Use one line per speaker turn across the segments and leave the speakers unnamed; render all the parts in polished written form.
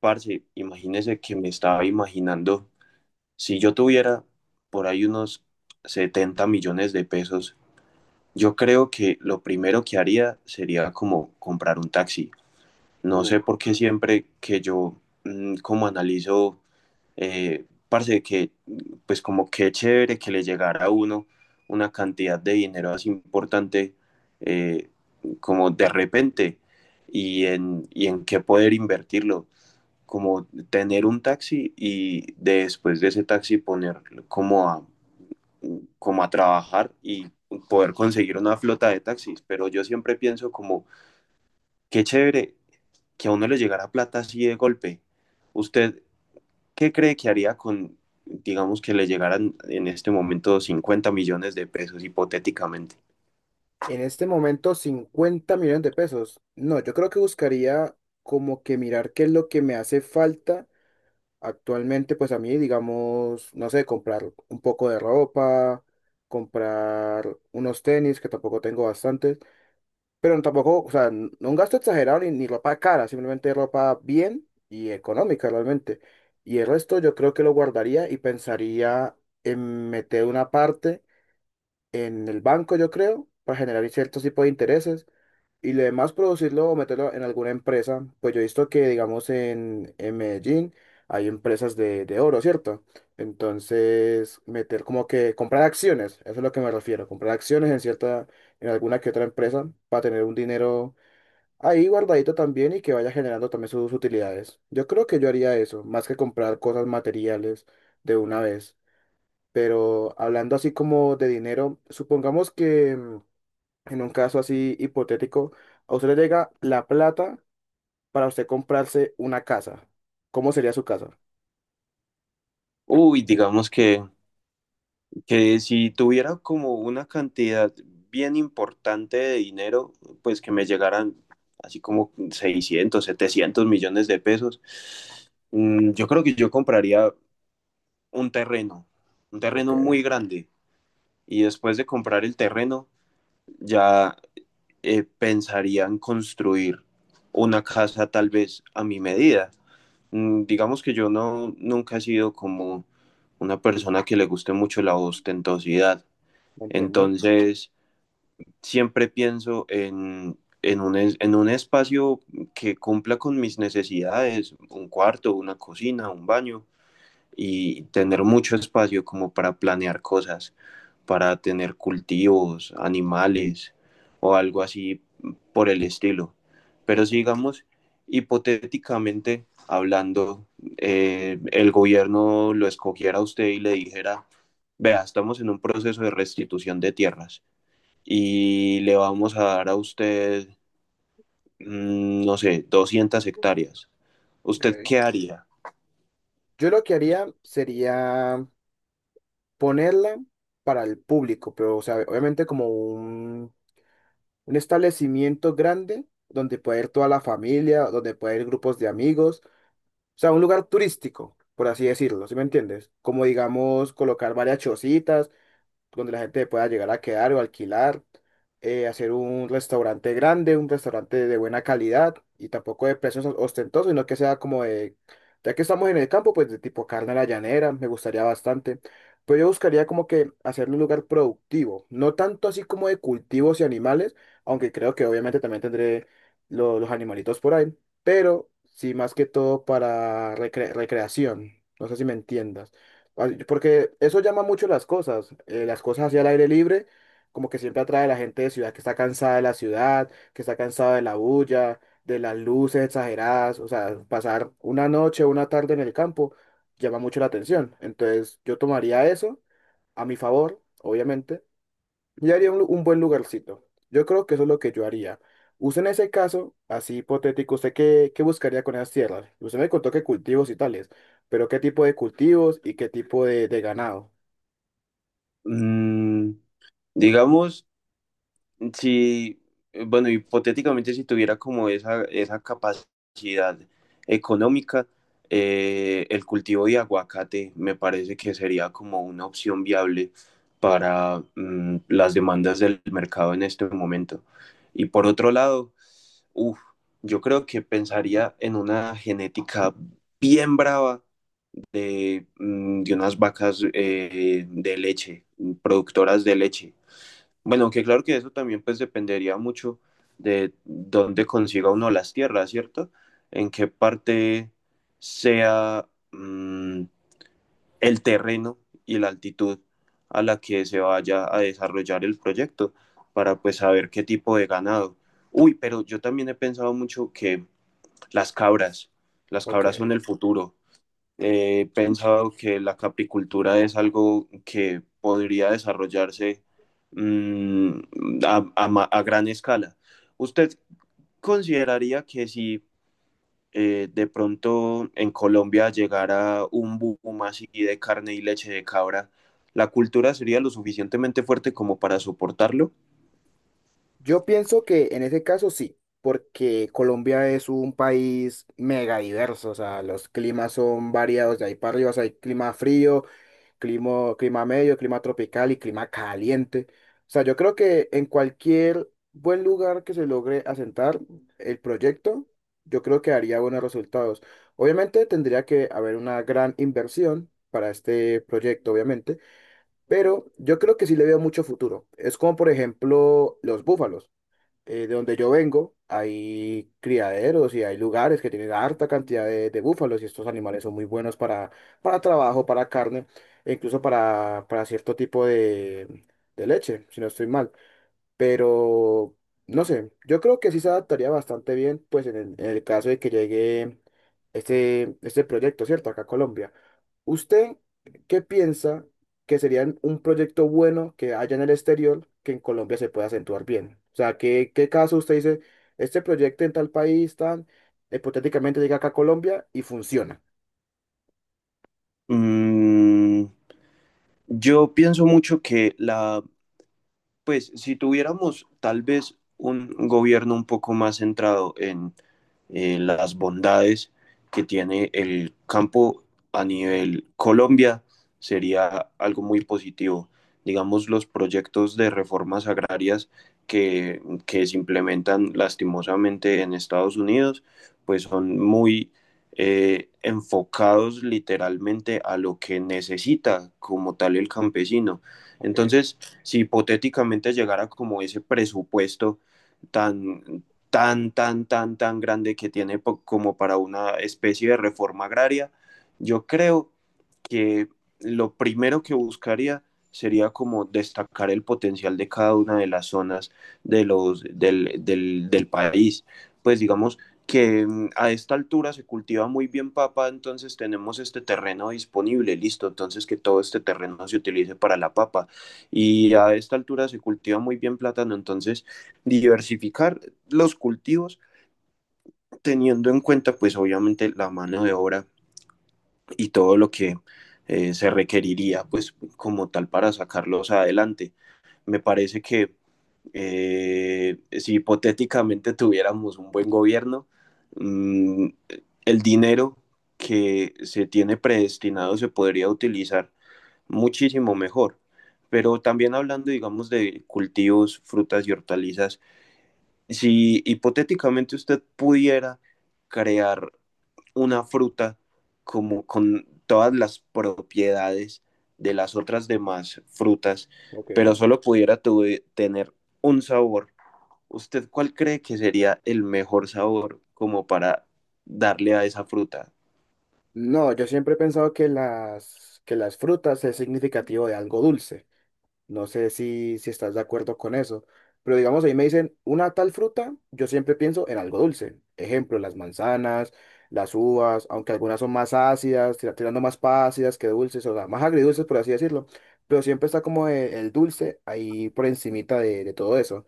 Parce, imagínese que me estaba imaginando, si yo tuviera por ahí unos 70 millones de pesos. Yo creo que lo primero que haría sería como comprar un taxi. No sé
Uf.
por qué siempre que yo como analizo, parce, que pues como qué chévere que le llegara a uno una cantidad de dinero así importante, eh, como de repente, y en qué poder invertirlo, como tener un taxi y después de ese taxi poner como a, como a trabajar y poder conseguir una flota de taxis. Pero yo siempre pienso como, qué chévere que a uno le llegara plata así de golpe. ¿Usted qué cree que haría con, digamos que le llegaran en este momento 50 millones de pesos hipotéticamente?
En este momento, 50 millones de pesos. No, yo creo que buscaría como que mirar qué es lo que me hace falta actualmente, pues a mí, digamos, no sé, comprar un poco de ropa, comprar unos tenis, que tampoco tengo bastantes, pero tampoco, o sea, no un gasto exagerado ni ropa cara, simplemente ropa bien y económica realmente. Y el resto yo creo que lo guardaría y pensaría en meter una parte en el banco, yo creo, para generar ciertos tipos de intereses y lo demás producirlo o meterlo en alguna empresa. Pues yo he visto que, digamos, en Medellín hay empresas de oro, ¿cierto? Entonces, meter como que comprar acciones, eso es lo que me refiero, comprar acciones en cierta, en alguna que otra empresa para tener un dinero ahí guardadito también y que vaya generando también sus utilidades. Yo creo que yo haría eso, más que comprar cosas materiales de una vez. Pero hablando así como de dinero, supongamos que en un caso así hipotético, a usted le llega la plata para usted comprarse una casa. ¿Cómo sería su casa?
Uy, digamos que si tuviera como una cantidad bien importante de dinero, pues que me llegaran así como 600, 700 millones de pesos. Yo creo que yo compraría un terreno, un
Ok,
terreno muy grande. Y después de comprar el terreno, ya pensaría en construir una casa tal vez a mi medida. Digamos que yo no, nunca he sido como una persona que le guste mucho la ostentosidad.
entiendo,
Entonces, siempre pienso en un, en un espacio que cumpla con mis necesidades, un cuarto, una cocina, un baño, y tener mucho espacio como para planear cosas, para tener cultivos, animales o algo así por el estilo. Pero
entiendo.
sigamos hipotéticamente hablando, el gobierno lo escogiera a usted y le dijera, vea, estamos en un proceso de restitución de tierras y le vamos a dar a usted, no sé, 200 hectáreas.
Ok.
¿Usted qué haría?
Yo lo que haría sería ponerla para el público, pero o sea, obviamente como un establecimiento grande donde puede ir toda la familia, donde puede ir grupos de amigos. O sea, un lugar turístico, por así decirlo, ¿sí me entiendes? Como digamos, colocar varias chocitas donde la gente pueda llegar a quedar o alquilar, hacer un restaurante grande, un restaurante de buena calidad y tampoco de precios ostentosos, sino que sea como de, ya que estamos en el campo, pues de tipo carne a la llanera, me gustaría bastante. Pero yo buscaría como que hacerlo un lugar productivo, no tanto así como de cultivos y animales, aunque creo que obviamente también tendré los animalitos por ahí, pero sí más que todo para recreación. No sé si me entiendas. Ay, porque eso llama mucho las cosas hacia el aire libre, como que siempre atrae a la gente de ciudad que está cansada de la ciudad, que está cansada de la bulla, de las luces exageradas, o sea, pasar una noche o una tarde en el campo llama mucho la atención. Entonces yo tomaría eso a mi favor, obviamente yo haría un, un buen lugarcito. Yo creo que eso es lo que yo haría. Usted en ese caso, así hipotético, ¿usted qué, buscaría con esas tierras? Usted me contó que cultivos y tales, pero ¿qué tipo de cultivos y qué tipo de ganado?
Mm, digamos, si, bueno, hipotéticamente si tuviera como esa capacidad económica, el cultivo de aguacate me parece que sería como una opción viable para las demandas del mercado en este momento. Y por otro lado, uf, yo creo que pensaría en una genética bien brava de, de unas vacas de leche, productoras de leche. Bueno, aunque claro que eso también pues dependería mucho de dónde consiga uno las tierras, ¿cierto? En qué parte sea el terreno y la altitud a la que se vaya a desarrollar el proyecto para pues saber qué tipo de ganado. Uy, pero yo también he pensado mucho que las cabras. Las
Ok.
cabras son el futuro. He pensado que la capricultura es algo que podría desarrollarse mmm, a gran escala. ¿Usted consideraría que si de pronto en Colombia llegara un boom así de carne y leche de cabra, la cultura sería lo suficientemente fuerte como para soportarlo?
Yo pienso que en ese caso sí, porque Colombia es un país mega diverso, o sea, los climas son variados, de ahí para arriba, o sea, hay clima frío, clima, clima medio, clima tropical y clima caliente. O sea, yo creo que en cualquier buen lugar que se logre asentar el proyecto, yo creo que haría buenos resultados. Obviamente tendría que haber una gran inversión para este proyecto, obviamente, pero yo creo que sí le veo mucho futuro. Es como, por ejemplo, los búfalos, de donde yo vengo, hay criaderos y hay lugares que tienen harta cantidad de búfalos y estos animales son muy buenos para, trabajo, para carne e incluso para cierto tipo de leche, si no estoy mal. Pero, no sé, yo creo que sí se adaptaría bastante bien, pues en el, caso de que llegue este proyecto, ¿cierto? Acá a Colombia. ¿Usted qué piensa que sería un proyecto bueno que haya en el exterior que en Colombia se pueda acentuar bien? O sea, ¿qué, caso usted dice, este proyecto en tal país, tan, hipotéticamente llega acá a Colombia y funciona?
Mm, yo pienso mucho que la pues si tuviéramos tal vez un gobierno un poco más centrado en las bondades que tiene el campo a nivel Colombia, sería algo muy positivo. Digamos, los proyectos de reformas agrarias que, que se implementan lastimosamente en Estados Unidos, pues son muy enfocados literalmente a lo que necesita como tal el campesino.
Ok,
Entonces, si hipotéticamente llegara como ese presupuesto tan, tan grande que tiene como para una especie de reforma agraria, yo creo que lo primero que buscaría sería como destacar el potencial de cada una de las zonas de del país. Pues digamos que a esta altura se cultiva muy bien papa, entonces tenemos este terreno disponible, listo, entonces que todo este terreno se utilice para la papa, y a esta altura se cultiva muy bien plátano, entonces diversificar los cultivos teniendo en cuenta pues obviamente la mano de obra y todo lo que se requeriría pues como tal para sacarlos adelante. Me parece que si hipotéticamente tuviéramos un buen gobierno, mmm, el dinero que se tiene predestinado se podría utilizar muchísimo mejor. Pero también hablando, digamos, de cultivos, frutas y hortalizas, si hipotéticamente usted pudiera crear una fruta como con todas las propiedades de las otras demás frutas,
ok.
pero solo pudiera tener un sabor, ¿usted cuál cree que sería el mejor sabor como para darle a esa fruta?
No, yo siempre he pensado que las, frutas es significativo de algo dulce. No sé si estás de acuerdo con eso, pero digamos, ahí me dicen una tal fruta, yo siempre pienso en algo dulce. Ejemplo, las manzanas, las uvas, aunque algunas son más ácidas, tirando más para ácidas que dulces, o sea, más agridulces, por así decirlo, pero siempre está como el dulce ahí por encimita de todo eso.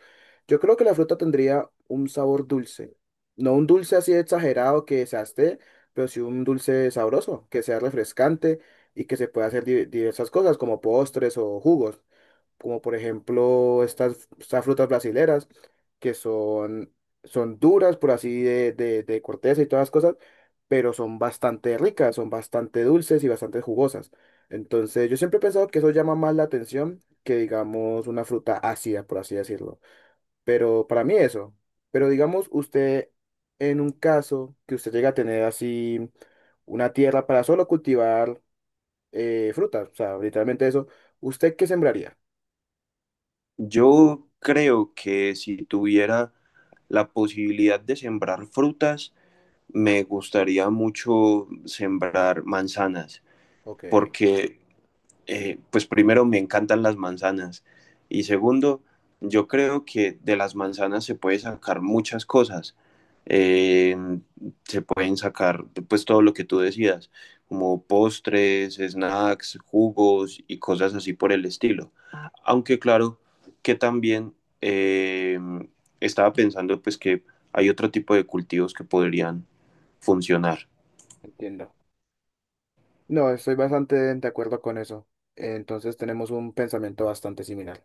Yo creo que la fruta tendría un sabor dulce, no un dulce así exagerado que se esté, pero sí un dulce sabroso, que sea refrescante y que se pueda hacer diversas cosas como postres o jugos como por ejemplo estas, frutas brasileras, que son, son duras, por así, de corteza y todas las cosas, pero son bastante ricas, son bastante dulces y bastante jugosas. Entonces, yo siempre he pensado que eso llama más la atención que, digamos, una fruta ácida, por así decirlo. Pero para mí eso. Pero digamos, usted, en un caso que usted llega a tener así una tierra para solo cultivar frutas, o sea, literalmente eso, ¿usted qué sembraría?
Yo creo que si tuviera la posibilidad de sembrar frutas, me gustaría mucho sembrar manzanas,
Ok.
porque pues primero me encantan las manzanas y segundo, yo creo que de las manzanas se puede sacar muchas cosas. Eh, se pueden sacar pues todo lo que tú decidas, como postres, snacks, jugos y cosas así por el estilo. Aunque claro que también eh, estaba pensando pues que hay otro tipo de cultivos que podrían funcionar.
Entiendo. No, estoy bastante de acuerdo con eso. Entonces tenemos un pensamiento bastante similar.